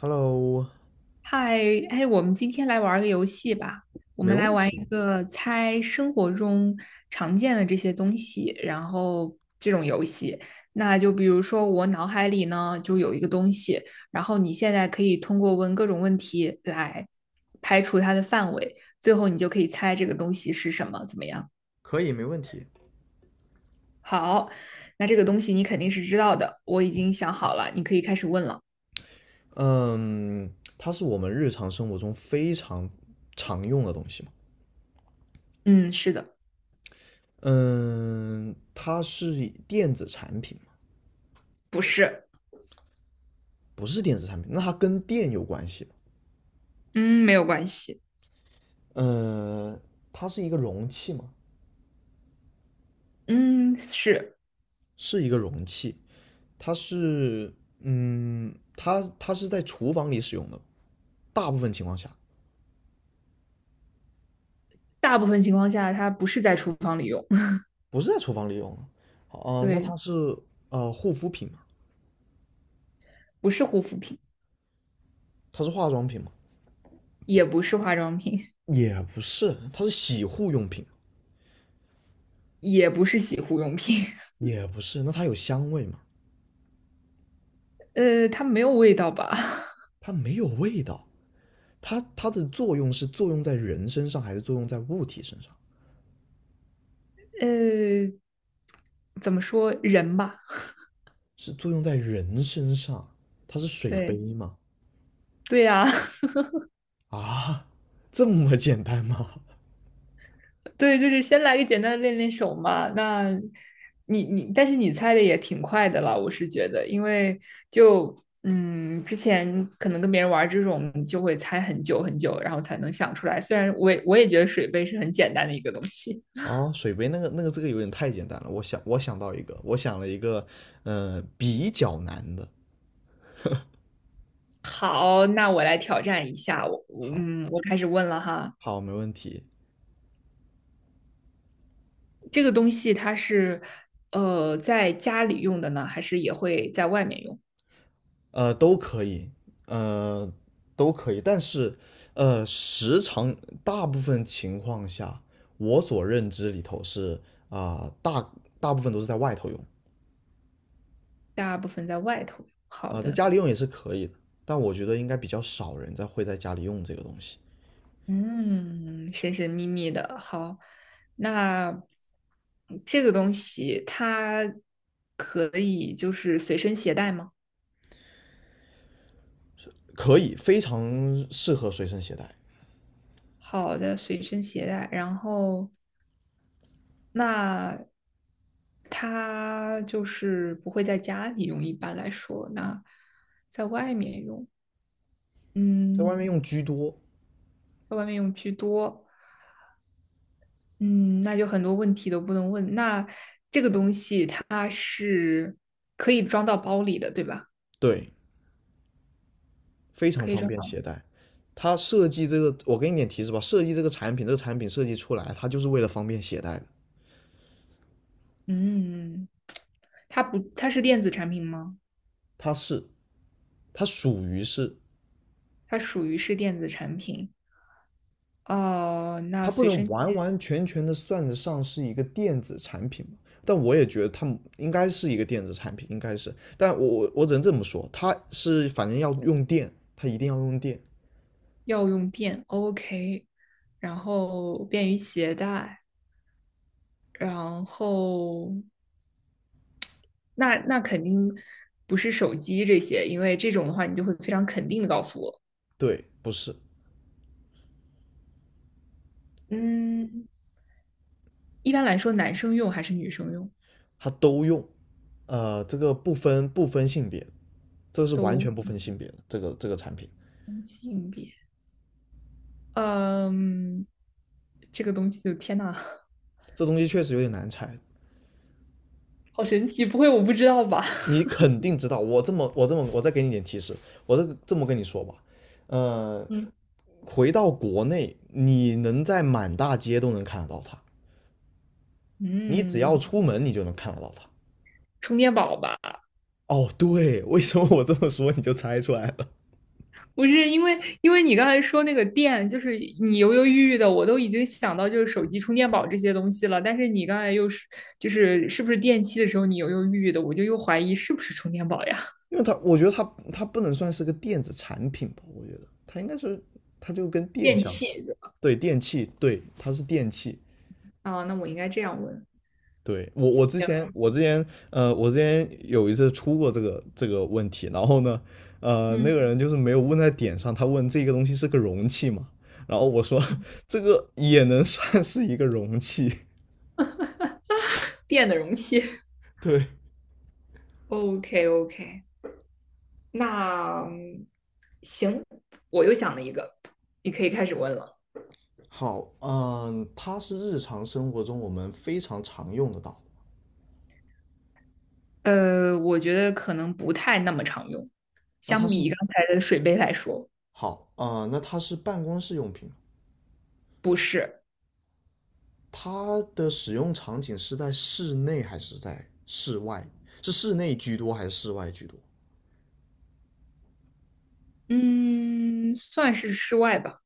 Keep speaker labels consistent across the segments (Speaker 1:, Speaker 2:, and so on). Speaker 1: Hello。
Speaker 2: 嗨，哎，我们今天来玩儿个游戏吧。我
Speaker 1: 没
Speaker 2: 们来
Speaker 1: 问
Speaker 2: 玩一
Speaker 1: 题。
Speaker 2: 个猜生活中常见的这些东西，然后这种游戏。那就比如说，我脑海里呢就有一个东西，然后你现在可以通过问各种问题来排除它的范围，最后你就可以猜这个东西是什么，怎么样？
Speaker 1: 可以，没问题。
Speaker 2: 好，那这个东西你肯定是知道的，我已经想好了，你可以开始问了。
Speaker 1: 嗯，它是我们日常生活中非常常用的东西嘛。
Speaker 2: 嗯，是的，
Speaker 1: 嗯，它是电子产品嘛？
Speaker 2: 不是，
Speaker 1: 不是电子产品，那它跟电有关系吗？
Speaker 2: 嗯，没有关系，
Speaker 1: 呃，它是一个容器吗？
Speaker 2: 嗯，是。
Speaker 1: 是一个容器。它是，它是在厨房里使用的，大部分情况下
Speaker 2: 大部分情况下它不是在厨房里用，
Speaker 1: 不是在厨房里用的。好，那
Speaker 2: 对，
Speaker 1: 它是护肤品吗？
Speaker 2: 不是护肤品，
Speaker 1: 它是化妆品吗？
Speaker 2: 也不是化妆品，
Speaker 1: 也不是，它是洗护用品，
Speaker 2: 也不是洗护用品，
Speaker 1: 也不是。那它有香味吗？
Speaker 2: 它没有味道吧？
Speaker 1: 它没有味道。它的作用是作用在人身上，还是作用在物体身上？
Speaker 2: 呃，怎么说人吧？
Speaker 1: 是作用在人身上。它是水
Speaker 2: 对，
Speaker 1: 杯吗？
Speaker 2: 对呀、啊
Speaker 1: 啊，这么简单吗？
Speaker 2: 对，就是先来个简单的练练手嘛。那你，但是你猜的也挺快的了，我是觉得，因为就嗯，之前可能跟别人玩这种，就会猜很久很久，然后才能想出来。虽然我也觉得水杯是很简单的一个东西。
Speaker 1: 啊，水杯这个有点太简单了。我想到一个，我想了一个，比较难的。
Speaker 2: 好，那我来挑战一下。我，我
Speaker 1: 好，
Speaker 2: 嗯，我开始问了哈。
Speaker 1: 好，没问题。
Speaker 2: 这个东西它是在家里用的呢，还是也会在外面用？
Speaker 1: 都可以，呃，都可以，但是，时常大部分情况下，我所认知里头是啊、大部分都是在外头用
Speaker 2: 大部分在外头。好
Speaker 1: 啊、在
Speaker 2: 的，
Speaker 1: 家里用也是可以的，但我觉得应该比较少人在会在家里用这个东西，
Speaker 2: 嗯，神神秘秘的。好，那这个东西它可以就是随身携带吗？
Speaker 1: 可以，非常适合随身携带，
Speaker 2: 好的，随身携带。然后那它就是不会在家里用，一般来说，那在外面用，
Speaker 1: 在外
Speaker 2: 嗯，
Speaker 1: 面用居多，
Speaker 2: 在外面用居多，嗯，那就很多问题都不能问。那这个东西它是可以装到包里的，对吧？
Speaker 1: 对，非常
Speaker 2: 可以
Speaker 1: 方
Speaker 2: 装
Speaker 1: 便
Speaker 2: 到，
Speaker 1: 携带。它设计这个，我给你点提示吧，设计这个产品，这个产品设计出来，它就是为了方便携带的，
Speaker 2: 嗯，它不，它是电子产品吗？
Speaker 1: 它是。它属于是，
Speaker 2: 它属于是电子产品。哦，
Speaker 1: 它
Speaker 2: 那
Speaker 1: 不
Speaker 2: 随
Speaker 1: 能
Speaker 2: 身携
Speaker 1: 完完全全的算得上是一个电子产品，但我也觉得它应该是一个电子产品，应该是。但我只能这么说，它是反正要用电，它一定要用电，
Speaker 2: 要用电，OK，然后便于携带。然后那那肯定不是手机这些，因为这种的话，你就会非常肯定的告诉我，
Speaker 1: 对，不是，
Speaker 2: 嗯，一般来说男生用还是女生用
Speaker 1: 它都用，这个不分性别，这是完全不
Speaker 2: 都
Speaker 1: 分性别的这个产品，
Speaker 2: 分性别，嗯，这个东西就天呐，
Speaker 1: 这东西确实有点难猜。
Speaker 2: 好神奇，不会我不知道吧？
Speaker 1: 你肯定知道，我这么我这么我再给你点提示，我这么跟你说吧，呃，
Speaker 2: 嗯，
Speaker 1: 回到国内，你能在满大街都能看得到它，你只要
Speaker 2: 嗯，
Speaker 1: 出门你就能看得到它。
Speaker 2: 充电宝吧，
Speaker 1: 哦，对，为什么我这么说你就猜出来了？
Speaker 2: 不是因为，因为你刚才说那个电，就是你犹犹豫豫的，我都已经想到就是手机充电宝这些东西了。但是你刚才又是就是是不是电器的时候，你犹犹豫豫的，我就又怀疑是不是充电宝呀？
Speaker 1: 因为它，我觉得它不能算是个电子产品吧，我觉得它应该是它就跟 电
Speaker 2: 电
Speaker 1: 相关，
Speaker 2: 器，
Speaker 1: 对，电器，对，它是电器，
Speaker 2: 啊，那我应该这样问。
Speaker 1: 对，我我之
Speaker 2: 行
Speaker 1: 前我之前呃我之前有一次出过这个问题，然后呢，那
Speaker 2: 嗯，
Speaker 1: 个人就是没有问在点上，他问这个东西是个容器嘛，然后我说 这个也能算是一个容器，
Speaker 2: 电的容器。
Speaker 1: 对，
Speaker 2: OK OK，那嗯行，我又想了一个，你可以开始问了。
Speaker 1: 好，嗯，它是日常生活中我们非常常用得到的。
Speaker 2: 我觉得可能不太那么常用，
Speaker 1: 那它
Speaker 2: 相
Speaker 1: 是
Speaker 2: 比刚才的水杯来说，
Speaker 1: 好，啊，那它是办公室用品，它的使用场景是在室内还是在室外？是室内居多还是室外居多？
Speaker 2: 嗯，算是室外吧。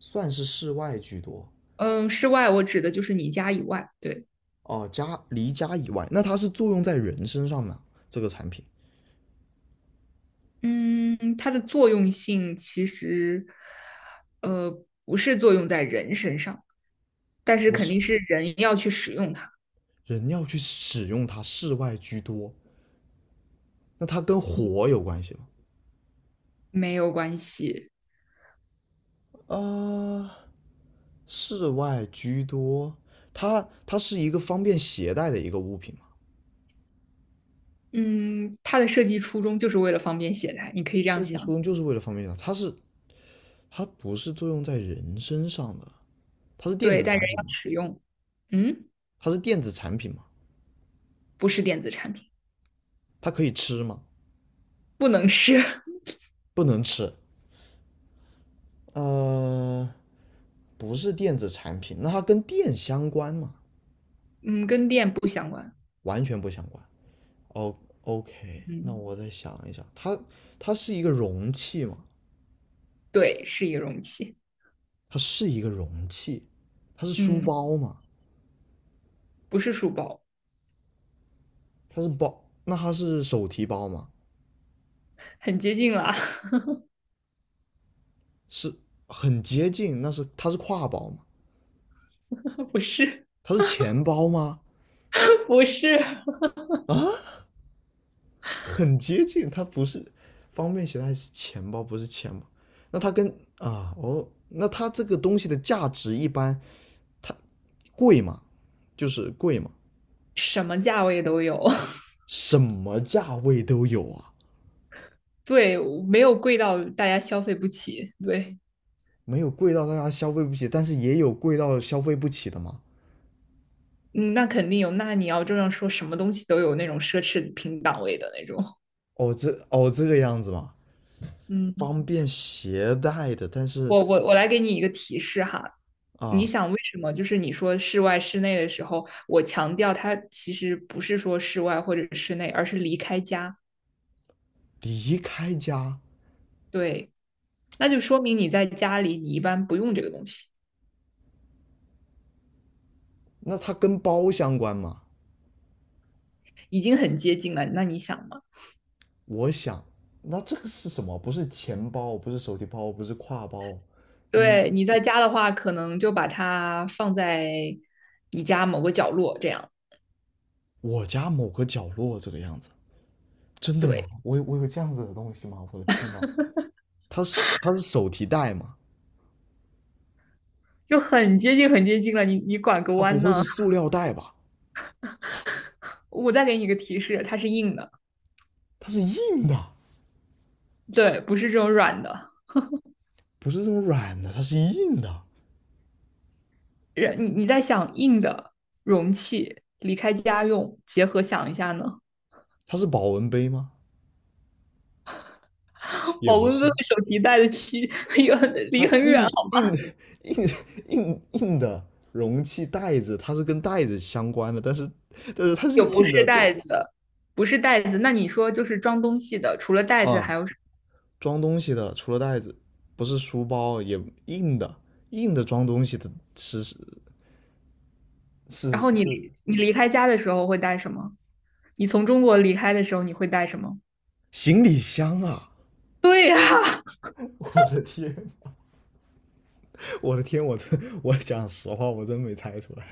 Speaker 1: 算是室外居多。
Speaker 2: 嗯，室外我指的就是你家以外。对，
Speaker 1: 哦，离家以外，那它是作用在人身上呢？这个产品
Speaker 2: 嗯，它的作用性其实，不是作用在人身上，但是
Speaker 1: 不
Speaker 2: 肯
Speaker 1: 是，
Speaker 2: 定是人要去使用它，
Speaker 1: 人要去使用它，室外居多，那它跟火有关系吗？
Speaker 2: 没有关系。
Speaker 1: 啊，室外居多，它它是一个方便携带的一个物品嘛，
Speaker 2: 嗯，它的设计初衷就是为了方便携带，你可以这样
Speaker 1: 设计初
Speaker 2: 想。
Speaker 1: 衷就是为了方便它，它不是作用在人身上的，它是电
Speaker 2: 对，
Speaker 1: 子
Speaker 2: 但人
Speaker 1: 产品
Speaker 2: 要
Speaker 1: 吗？
Speaker 2: 使用。嗯，
Speaker 1: 它是电子产品吗？
Speaker 2: 不是电子产品，
Speaker 1: 它可以吃吗？
Speaker 2: 不能是。
Speaker 1: 不能吃。呃，不是电子产品，那它跟电相关吗？
Speaker 2: 嗯，跟电不相关。
Speaker 1: 完全不相关。哦 OK，那
Speaker 2: 嗯，
Speaker 1: 我再想一想，它是一个容器吗？
Speaker 2: 对，是一个容器。
Speaker 1: 它是一个容器，它是书
Speaker 2: 嗯，
Speaker 1: 包吗？
Speaker 2: 不是书包，
Speaker 1: 它是包，那它是手提包吗？
Speaker 2: 很接近了。
Speaker 1: 是很接近，它是挎包吗？
Speaker 2: 不是，
Speaker 1: 它是钱包吗？
Speaker 2: 不是，
Speaker 1: 啊，很接近，它不是方便携带是钱包，不是钱包。那它跟啊，哦，那它这个东西的价值一般，它贵嘛，就是贵嘛，
Speaker 2: 什么价位都有。
Speaker 1: 什么价位都有啊，
Speaker 2: 对，没有贵到大家消费不起。对，
Speaker 1: 没有贵到大家消费不起，但是也有贵到消费不起的嘛。
Speaker 2: 嗯，那肯定有。那你要这样说，什么东西都有那种奢侈品档位的那种。
Speaker 1: 哦，这个样子嘛，
Speaker 2: 嗯，
Speaker 1: 方便携带的，但是
Speaker 2: 我来给你一个提示哈。你
Speaker 1: 啊、
Speaker 2: 想为什么？就是你说室外、室内的时候，我强调它其实不是说室外或者室内，而是离开家。
Speaker 1: 离开家，
Speaker 2: 对，那就说明你在家里，你一般不用这个东西，
Speaker 1: 那它跟包相关嘛？
Speaker 2: 已经很接近了。那你想吗？
Speaker 1: 我想，那这个是什么？不是钱包，不是手提包，不是挎包，嗯，
Speaker 2: 对，你在家的话，可能就把它放在你家某个角落，这样，
Speaker 1: 我家某个角落这个样子，真的吗？
Speaker 2: 对，
Speaker 1: 我有这样子的东西吗？我的天呐，它是手提袋吗？
Speaker 2: 就很接近，很接近了。你拐个
Speaker 1: 它不
Speaker 2: 弯
Speaker 1: 会是
Speaker 2: 呢，
Speaker 1: 塑料袋吧？
Speaker 2: 我再给你一个提示，它是硬的，
Speaker 1: 它是硬的，
Speaker 2: 对，不是这种软的。
Speaker 1: 不是那种软的，它是硬的。
Speaker 2: 人，你在想硬的容器离开家用，结合想一下呢，
Speaker 1: 它是保温杯吗？也
Speaker 2: 保
Speaker 1: 不
Speaker 2: 温杯
Speaker 1: 是，
Speaker 2: 和手提袋的区离很
Speaker 1: 它
Speaker 2: 离很远，
Speaker 1: 硬
Speaker 2: 哦，
Speaker 1: 硬的硬硬硬的容器袋子，它是跟袋子相关的，但是它是
Speaker 2: 有不
Speaker 1: 硬
Speaker 2: 是
Speaker 1: 的，这
Speaker 2: 袋子，不是袋子。那你说就是装东西的，除了袋子
Speaker 1: 啊
Speaker 2: 还有什，
Speaker 1: 装东西的除了袋子，不是书包也硬的，硬的装东西的是是
Speaker 2: 然
Speaker 1: 是
Speaker 2: 后你
Speaker 1: 是
Speaker 2: 离你离开家的时候会带什么？你从中国离开的时候，你会带什么？
Speaker 1: 行李箱啊！
Speaker 2: 对呀、啊
Speaker 1: 我的天，我的天，我讲实话，我真没猜出来。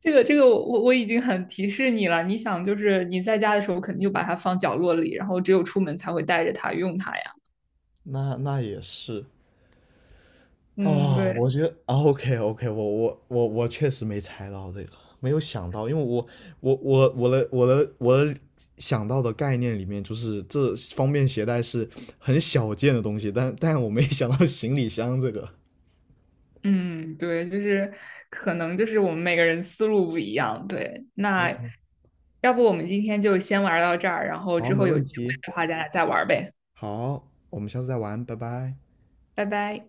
Speaker 2: 这个我已经很提示你了。你想，就是你在家的时候，肯定就把它放角落里，然后只有出门才会带着它用它呀。
Speaker 1: 那也是
Speaker 2: 嗯，
Speaker 1: 啊、
Speaker 2: 对，
Speaker 1: 我觉得啊，OK OK,我确实没猜到这个，没有想到，因为我的想到的概念里面，就是这方便携带是很小件的东西，但我没想到行李箱这个。
Speaker 2: 嗯，对，就是可能就是我们每个人思路不一样。对，那
Speaker 1: OK，
Speaker 2: 要不我们今天就先玩到这儿，然后
Speaker 1: 好，
Speaker 2: 之
Speaker 1: 没
Speaker 2: 后有
Speaker 1: 问
Speaker 2: 机会
Speaker 1: 题。
Speaker 2: 的话，咱俩再玩呗。
Speaker 1: 好，我们下次再玩，拜拜。
Speaker 2: 拜拜。